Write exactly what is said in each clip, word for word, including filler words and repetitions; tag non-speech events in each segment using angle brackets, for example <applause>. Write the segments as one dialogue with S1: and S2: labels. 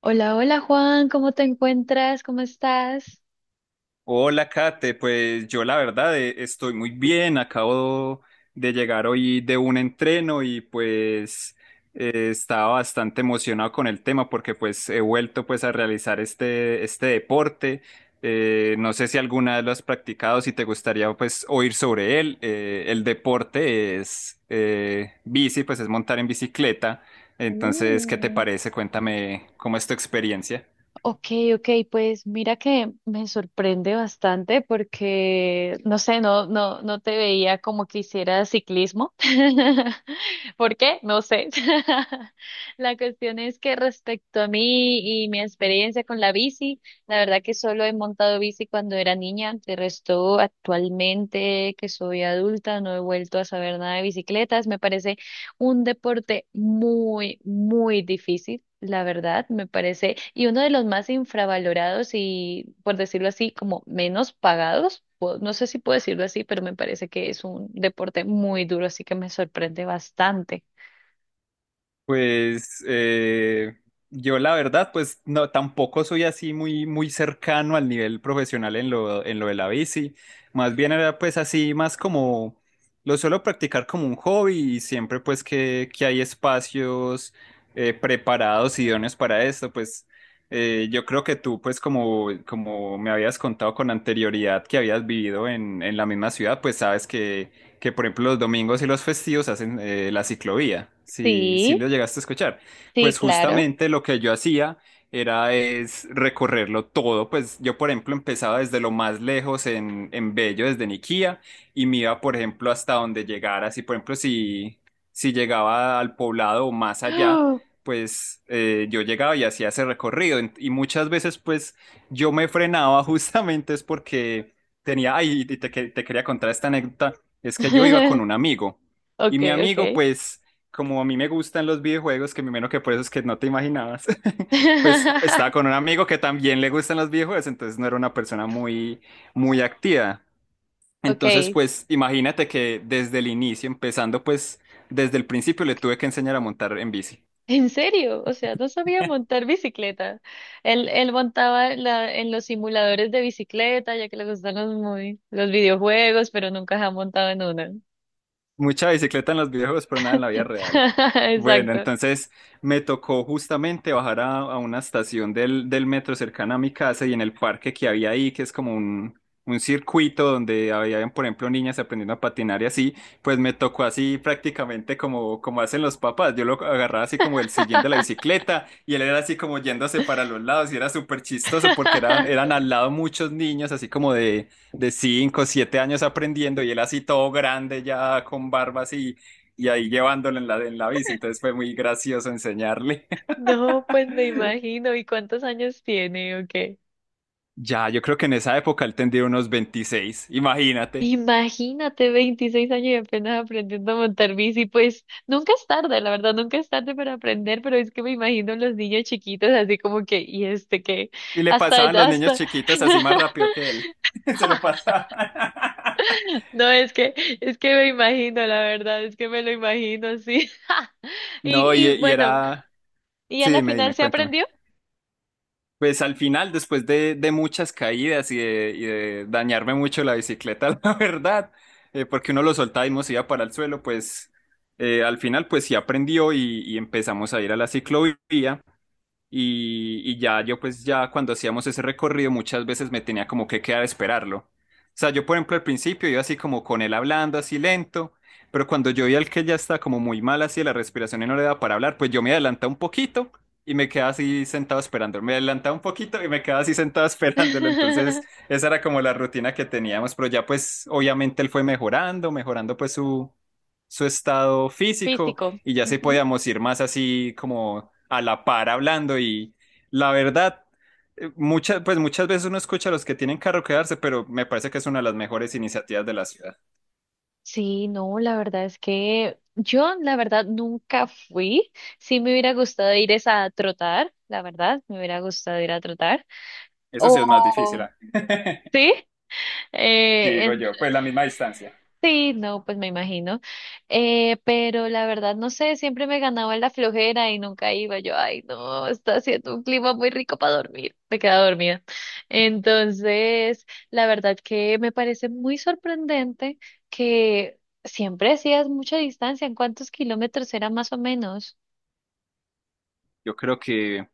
S1: Hola, hola Juan, ¿cómo te encuentras? ¿Cómo estás?
S2: Hola, Kate. Pues yo la verdad eh, estoy muy bien. Acabo de llegar hoy de un entreno y pues eh, estaba bastante emocionado con el tema porque pues he vuelto pues a realizar este, este deporte. Eh, no sé si alguna vez lo has practicado, si te gustaría pues oír sobre él. Eh, el deporte es eh, bici, pues es montar en bicicleta. Entonces, ¿qué te
S1: Mm,
S2: parece? Cuéntame cómo es tu experiencia.
S1: Ok, ok, pues mira que me sorprende bastante porque, no sé, no, no, no te veía como que hicieras ciclismo. <laughs> ¿Por qué? No sé. <laughs> La cuestión es que respecto a mí y mi experiencia con la bici, la verdad que solo he montado bici cuando era niña. De resto, actualmente que soy adulta, no he vuelto a saber nada de bicicletas. Me parece un deporte muy, muy difícil, la verdad, me parece, y uno de los más infravalorados y, por decirlo así, como menos pagados. Pu- No sé si puedo decirlo así, pero me parece que es un deporte muy duro, así que me sorprende bastante.
S2: Pues eh, yo la verdad, pues no, tampoco soy así muy, muy cercano al nivel profesional en lo, en lo de la bici. Más bien era pues así, más como lo suelo practicar como un hobby y siempre pues que, que hay espacios eh, preparados, idóneos para esto, pues eh, yo creo que tú pues como, como me habías contado con anterioridad que habías vivido en, en la misma ciudad, pues sabes que que por ejemplo los domingos y los festivos hacen eh, la ciclovía, si, si
S1: Sí,
S2: lo llegaste a escuchar.
S1: sí,
S2: Pues
S1: claro.
S2: justamente lo que yo hacía era es recorrerlo todo, pues yo por ejemplo empezaba desde lo más lejos en, en Bello, desde Niquía, y me iba por ejemplo hasta donde llegara, si por ejemplo si, si llegaba al poblado o más allá, pues eh, yo llegaba y hacía ese recorrido. En- y muchas veces pues yo me frenaba <laughs> justamente es porque. Tenía, ay, y te, que- te quería contar esta anécdota es que yo iba con
S1: <gasps>
S2: un amigo y
S1: Ok,
S2: mi
S1: ok.
S2: amigo, pues, como a mí me gustan los videojuegos, que me imagino que por eso es que no te imaginabas, <laughs> pues estaba
S1: <laughs>
S2: con un amigo que también le gustan los videojuegos, entonces no era una persona muy, muy activa. Entonces,
S1: Ok,
S2: pues, imagínate que desde el inicio, empezando, pues, desde el principio le tuve que enseñar a montar en bici.
S1: ¿En serio? O sea, no sabía montar bicicleta. Él, él montaba la- en los simuladores de bicicleta, ya que le gustan los, muy, los videojuegos, pero nunca se ha montado en una.
S2: Mucha bicicleta en los videojuegos, pero nada en la vida real.
S1: <laughs>
S2: Bueno,
S1: Exacto.
S2: entonces me tocó justamente bajar a, a una estación del, del metro cercana a mi casa y en el parque que había ahí, que es como un, un circuito donde había, por ejemplo, niñas aprendiendo a patinar y así, pues me tocó así prácticamente como, como hacen los papás. Yo lo agarraba así como el sillín de la
S1: <laughs>
S2: bicicleta y él era así como yéndose para los lados y era súper chistoso porque eran, eran al lado muchos niños así como de de cinco siete años aprendiendo y él así todo grande ya con barba así y ahí llevándolo en la, en la bici. Entonces fue muy gracioso enseñarle. <laughs>
S1: No, pues me imagino. ¿Y cuántos años tiene o qué?
S2: Ya, yo creo que en esa época él tendría unos veintiséis, imagínate.
S1: Imagínate, veintiséis años y apenas aprendiendo a montar bici, pues nunca es tarde, la verdad, nunca es tarde para aprender, pero es que me imagino los niños chiquitos así como que, y este que,
S2: Y le
S1: hasta,
S2: pasaban los niños
S1: hasta,
S2: chiquitos así más rápido que
S1: <laughs>
S2: él. <laughs> Se lo pasaban. <laughs>
S1: no, es que, es que me imagino, la verdad, es que me lo imagino, sí. <laughs>
S2: No,
S1: Y,
S2: y,
S1: y
S2: y
S1: bueno,
S2: era.
S1: y a
S2: Sí,
S1: la
S2: dime,
S1: final
S2: dime,
S1: se
S2: cuéntame.
S1: aprendió.
S2: Pues al final, después de, de muchas caídas y de, y de dañarme mucho la bicicleta, <laughs> la verdad, eh, porque uno lo soltaba y nos iba para el suelo, pues eh, al final pues sí aprendió y, y empezamos a ir a la ciclovía y, y ya yo pues ya cuando hacíamos ese recorrido muchas veces me tenía como que quedar a esperarlo. O sea, yo por ejemplo al principio iba así como con él hablando así lento, pero cuando yo veía al que ya está como muy mal así de la respiración y no le da para hablar, pues yo me adelantaba un poquito y me quedaba así sentado esperando. Me adelantaba un poquito y me quedaba así sentado <laughs> esperándolo. Entonces
S1: <laughs>
S2: esa era como la rutina que teníamos, pero ya pues obviamente él fue mejorando, mejorando pues su, su estado físico
S1: Físico.
S2: y ya se podíamos ir más así como a la par hablando y la verdad, eh, muchas, pues muchas veces uno escucha a los que tienen carro quedarse, pero me parece que es una de las mejores iniciativas de la ciudad.
S1: Sí, no, la verdad es que yo, la verdad, nunca fui. Sí me hubiera gustado ir es a trotar, la verdad, me hubiera gustado ir a trotar.
S2: Eso sí es más difícil,
S1: O,
S2: ah. <laughs>
S1: sí, eh,
S2: Digo yo, pues la misma distancia.
S1: Sí, no, pues me imagino. Eh, pero la verdad, no sé, siempre me ganaba la flojera y nunca iba. Yo, ay, no, está haciendo un clima muy rico para dormir. Me quedaba dormida. Entonces, la verdad que me parece muy sorprendente que siempre hacías mucha distancia. ¿En cuántos kilómetros era más o menos?
S2: Yo creo que,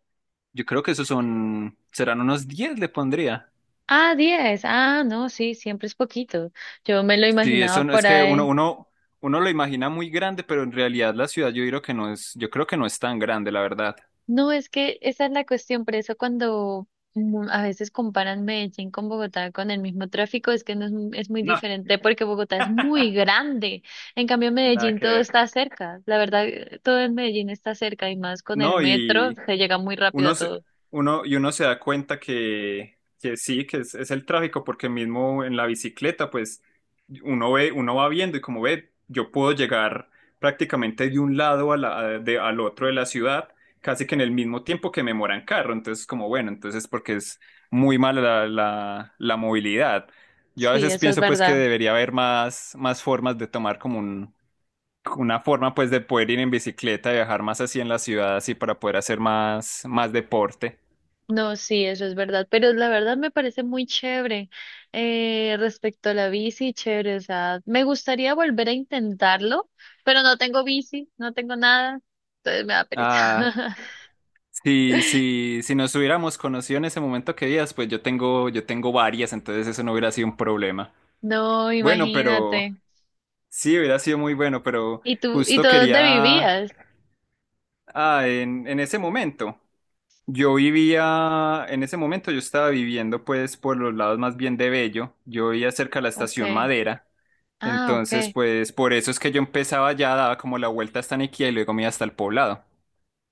S2: yo creo que esos son, serán unos diez le pondría.
S1: Ah, diez. Ah, no, sí, siempre es poquito. Yo me lo
S2: Sí,
S1: imaginaba
S2: eso no- es
S1: por
S2: que uno,
S1: ahí.
S2: uno, uno lo imagina muy grande, pero en realidad la ciudad yo creo que no es, yo creo que no es tan grande, la verdad.
S1: No, es que esa es la cuestión, por eso cuando mm, a veces comparan Medellín con Bogotá con el mismo tráfico, es que no es, mu- es muy
S2: No,
S1: diferente porque Bogotá es muy grande. En cambio, en
S2: nada
S1: Medellín
S2: que
S1: todo
S2: ver.
S1: está cerca. La verdad, eh, todo en Medellín está cerca y más con el
S2: No,
S1: metro
S2: y
S1: se llega muy rápido a
S2: Uno se,
S1: todo.
S2: uno, y uno se da cuenta que, que sí, que es, es el tráfico, porque mismo en la bicicleta, pues uno ve, uno va viendo y como ve, yo puedo llegar prácticamente de un lado a la- a- de- al otro de la ciudad, casi que en el mismo tiempo que me mora en carro. Entonces, como bueno, entonces porque es muy mala la, la- la movilidad. Yo a
S1: Sí,
S2: veces
S1: eso es
S2: pienso pues que
S1: verdad.
S2: debería haber más, más formas de tomar como una forma pues de poder ir en bicicleta, viajar más así en la ciudad, así para poder hacer más, más deporte.
S1: No, sí, eso es verdad, pero la verdad me parece muy chévere eh, respecto a la bici, chévere, o sea, me gustaría volver a intentarlo, pero no tengo bici, no tengo nada, entonces me da pereza.
S2: Ah,
S1: <laughs>
S2: si, si, si nos hubiéramos conocido en ese momento que días, pues yo tengo, yo tengo varias, entonces eso no hubiera sido un problema.
S1: No,
S2: Bueno, pero
S1: imagínate.
S2: sí, hubiera sido muy bueno, pero
S1: ¿Y tú, y
S2: justo
S1: tú dónde
S2: quería,
S1: vivías?
S2: ah, en, en ese momento. Yo vivía, en ese momento yo estaba viviendo pues por los lados más bien de Bello, yo vivía cerca de la estación
S1: Okay.
S2: Madera,
S1: Ah,
S2: entonces
S1: okay.
S2: pues por eso es que yo empezaba ya, daba como la vuelta hasta Niquia y luego me iba hasta el poblado.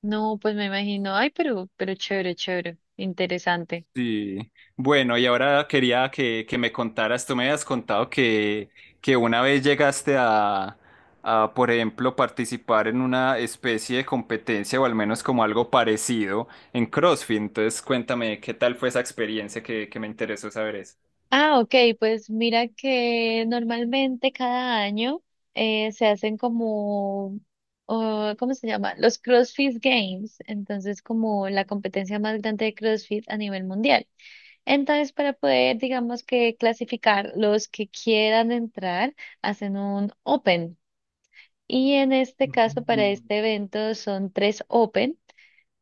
S1: No, pues me imagino. Ay, pero, pero chévere, chévere, interesante.
S2: Sí, bueno, y ahora quería que, que me contaras, tú me habías contado que, que una vez llegaste a, a, por ejemplo, participar en una especie de competencia o al menos como algo parecido en CrossFit, entonces cuéntame qué tal fue esa experiencia que, que me interesó saber eso.
S1: Ah, ok, pues mira que normalmente cada año eh, se hacen como, oh, ¿cómo se llama? Los CrossFit Games, entonces como la competencia más grande de CrossFit a nivel mundial. Entonces para poder, digamos que clasificar los que quieran entrar, hacen un Open. Y en este caso, para
S2: Mm.
S1: este evento son tres Open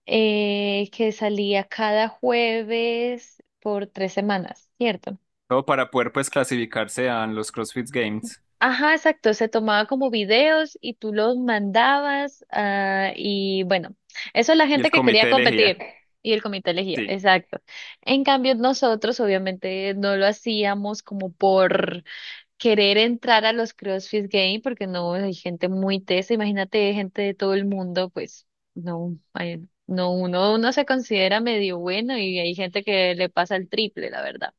S1: eh, que salía cada jueves por tres semanas, ¿cierto?
S2: Todo para poder pues clasificarse a los CrossFit Games
S1: Ajá, exacto. Se tomaba como videos y tú los mandabas. Ah, y bueno, eso es la
S2: y
S1: gente
S2: el
S1: que quería
S2: comité
S1: competir
S2: elegía.
S1: y el comité elegía.
S2: Sí.
S1: Exacto. En cambio, nosotros obviamente no lo hacíamos como por querer entrar a los CrossFit Games porque no hay gente muy tesa. Imagínate gente de todo el mundo, pues no, ay, no uno, uno se considera medio bueno y hay gente que le pasa el triple, la verdad.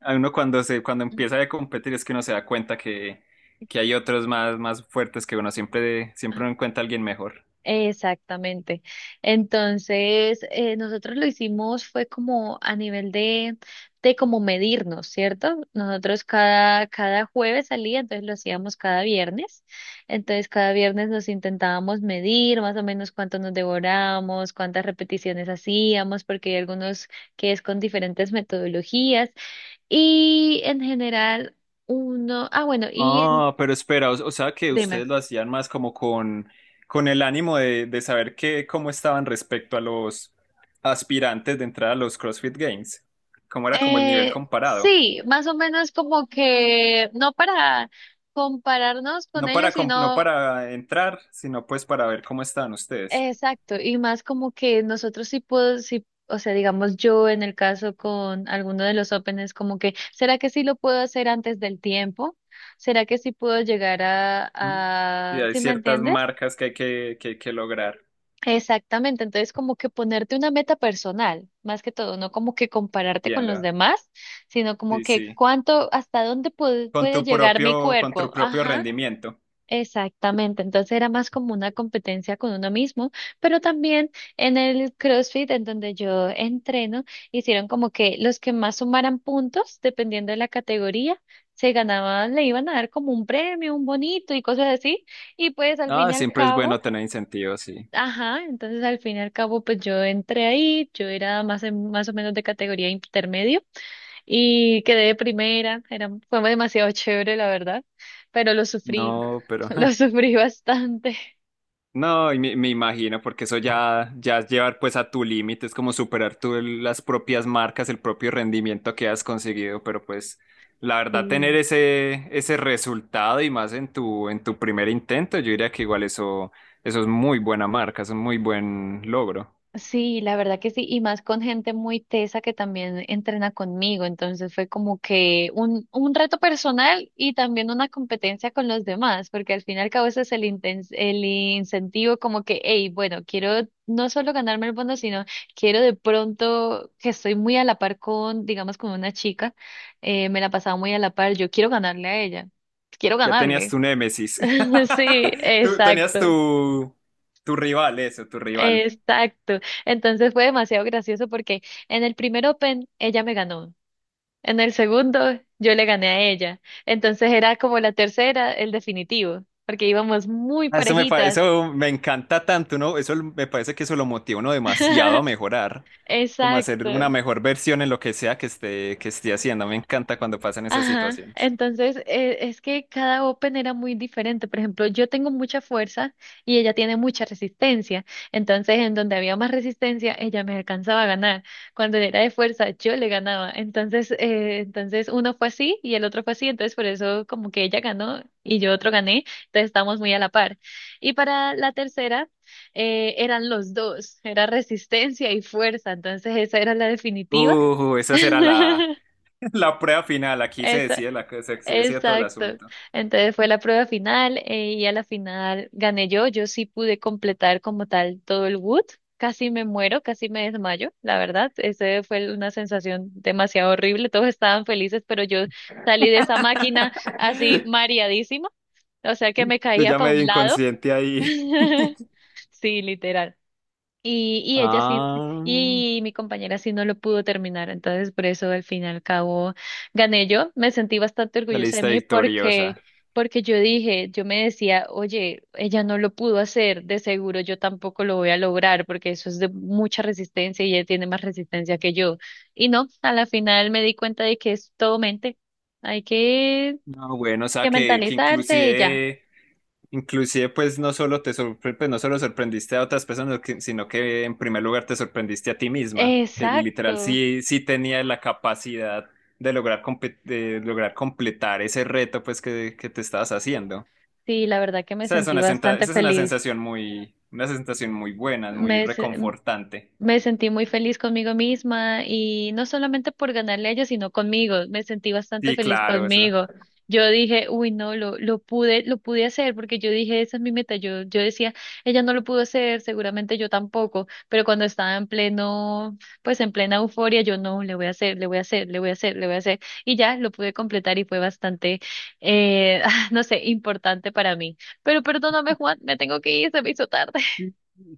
S2: A uno cuando se, cuando empieza a competir es que uno se da cuenta que, que hay otros más, más fuertes que uno siempre, siempre uno encuentra a alguien mejor.
S1: Exactamente. Entonces, eh, nosotros lo hicimos fue como a nivel de, de, como medirnos, ¿cierto? Nosotros cada, cada jueves salía, entonces lo hacíamos cada viernes. Entonces, cada viernes nos intentábamos medir más o menos cuánto nos devorábamos, cuántas repeticiones hacíamos, porque hay algunos que es con diferentes metodologías. Y en general, uno, ah, bueno, y en,
S2: Ah, pero espera, o, o sea que
S1: dime.
S2: ustedes lo hacían más como con, con el ánimo de, de saber qué cómo estaban respecto a los aspirantes de entrar a los CrossFit Games. ¿Cómo era como el nivel
S1: Eh,
S2: comparado?
S1: sí, más o menos como que no para compararnos con
S2: No para,
S1: ellos,
S2: com- no
S1: sino
S2: para entrar, sino pues para ver cómo están ustedes.
S1: exacto, y más como que nosotros sí puedo, sí, o sea, digamos yo en el caso con alguno de los Opens, como que, ¿será que sí lo puedo hacer antes del tiempo? ¿Será que sí puedo llegar a,
S2: Mm. Y
S1: a,
S2: hay
S1: ¿sí me
S2: ciertas
S1: entiendes?
S2: marcas que, hay que, que hay que lograr,
S1: Exactamente, entonces como que ponerte una meta personal, más que todo, no como que compararte con los
S2: entiendo.
S1: demás, sino como
S2: Sí,
S1: que
S2: sí.
S1: cuánto, hasta dónde puede,
S2: Con
S1: puede
S2: tu
S1: llegar mi
S2: propio, con
S1: cuerpo.
S2: tu propio
S1: Ajá,
S2: rendimiento.
S1: exactamente, entonces era más como una competencia con uno mismo, pero también en el CrossFit, en donde yo entreno, hicieron como que los que más sumaran puntos, dependiendo de la categoría, se ganaban, le iban a dar como un premio, un bonito y cosas así, y pues al fin
S2: Ah,
S1: y al
S2: siempre es
S1: cabo.
S2: bueno tener incentivos, sí.
S1: Ajá. Entonces, al fin y al cabo, pues yo entré ahí, yo era más, en- más o menos de categoría intermedio y quedé de primera, era, fue demasiado <laughs> chévere, la verdad, pero lo sufrí,
S2: No,
S1: <laughs>
S2: pero.
S1: lo
S2: <laughs>
S1: sufrí bastante.
S2: No, y me, me imagino, porque eso ya, ya es llevar pues a tu límite, es como superar tú el- las propias marcas, el propio rendimiento que has conseguido, pero pues la verdad tener
S1: Sí.
S2: ese, ese resultado y más en tu, en tu primer intento, yo diría que igual eso, eso es muy buena marca, es un muy buen logro.
S1: Sí, la verdad que sí, y más con gente muy tesa que también entrena conmigo, entonces fue como que un, un reto personal y también una competencia con los demás, porque al fin y al cabo ese es el, inten- el incentivo como que, hey, bueno, quiero no solo ganarme el bono, sino quiero de pronto que estoy muy a la par con, digamos, con una chica, eh, me la pasaba muy a la par, yo quiero ganarle a ella, quiero
S2: Ya tenías
S1: ganarle.
S2: tu némesis,
S1: <laughs> Sí,
S2: <laughs> tú tenías
S1: exacto.
S2: tu, tu rival, eso, tu rival.
S1: Exacto. Entonces fue demasiado gracioso porque en el primer Open ella me ganó. En el segundo yo le gané a ella. Entonces era como la tercera, el definitivo, porque íbamos muy
S2: Ah, Eso me, pa-
S1: parejitas.
S2: eso me encanta tanto, ¿no? Eso me parece que eso lo motiva a uno demasiado a
S1: <laughs>
S2: mejorar, como a hacer una
S1: Exacto.
S2: mejor versión en lo que sea que esté, que esté haciendo. Me encanta cuando pasan esas
S1: Ajá,
S2: situaciones.
S1: entonces eh, es que cada open era muy diferente. Por ejemplo, yo tengo mucha fuerza y ella tiene mucha resistencia. Entonces, en donde había más resistencia, ella me alcanzaba a ganar. Cuando era de fuerza, yo le ganaba. Entonces, eh, entonces uno fue así y el otro fue así. Entonces, por eso como que ella ganó y yo otro gané. Entonces, estábamos muy a la par. Y para la tercera, eh, eran los dos. Era resistencia y fuerza. Entonces, esa era la definitiva.
S2: Uh, esa será la,
S1: <laughs>
S2: <laughs> la prueba final. Aquí se
S1: Eso.
S2: decide la, cosa, se se decide todo el
S1: Exacto.
S2: asunto.
S1: Entonces fue la prueba final, eh, y a la final gané yo. Yo sí pude completar como tal todo el wood. Casi me muero, casi me desmayo, la verdad. Ese fue una sensación demasiado horrible. Todos estaban felices, pero yo salí de esa máquina así
S2: <laughs>
S1: mareadísima. O sea que me
S2: Tú
S1: caía
S2: ya
S1: para un
S2: medio
S1: lado.
S2: inconsciente ahí.
S1: <laughs>
S2: <laughs>
S1: Sí, literal. Y, y ella sí,
S2: Ah,
S1: y mi compañera sí no lo pudo terminar, entonces por eso al fin y al cabo gané yo. Me sentí bastante
S2: la
S1: orgullosa de
S2: lista
S1: mí porque,
S2: victoriosa.
S1: porque yo dije, yo me decía, oye, ella no lo pudo hacer, de seguro yo tampoco lo voy a lograr porque eso es de mucha resistencia y ella tiene más resistencia que yo. Y no, a la final me di cuenta de que es todo mente, hay que,
S2: No, bueno, o sea
S1: que
S2: que, que
S1: mentalizarse y ya.
S2: inclusive Inclusive, pues no solo te sorpre- pues, no solo sorprendiste a otras personas, que- sino que en primer lugar te sorprendiste a ti misma, que literal
S1: Exacto,
S2: sí, sí tenía la capacidad de lograr, compe- de lograr completar ese reto pues que, que te estabas haciendo. O
S1: sí, la verdad que me
S2: sea, es
S1: sentí
S2: una senta-
S1: bastante
S2: esa es una
S1: feliz.
S2: sensación muy, una sensación muy buena, muy
S1: Me,
S2: reconfortante.
S1: Me sentí muy feliz conmigo misma y no solamente por ganarle a ella, sino conmigo. Me sentí bastante
S2: Sí,
S1: feliz
S2: claro, eso.
S1: conmigo. Yo dije, uy, no, lo, lo pude, lo pude hacer porque yo dije, esa es mi meta. Yo, yo decía, ella no lo pudo hacer, seguramente yo tampoco, pero cuando estaba en pleno, pues en plena euforia, yo no, le voy a hacer, le voy a hacer, le voy a hacer, le voy a hacer. Y ya lo pude completar y fue bastante, eh, <laughs> no sé, importante para mí. Pero perdóname, Juan, me tengo que ir, se me hizo tarde.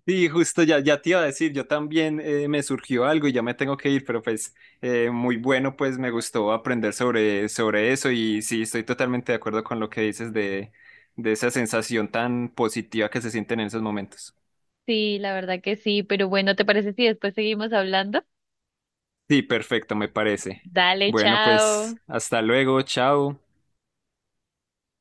S2: Sí, justo ya, ya te iba a decir, yo también eh, me surgió algo y ya me tengo que ir, pero pues eh, muy bueno, pues me gustó aprender sobre, sobre eso y sí, estoy totalmente de acuerdo con lo que dices de, de esa sensación tan positiva que se sienten en esos momentos.
S1: Sí, la verdad que sí, pero bueno, ¿te parece si después seguimos hablando?
S2: Sí, perfecto, me parece.
S1: Dale,
S2: Bueno, pues
S1: chao.
S2: hasta luego, chao.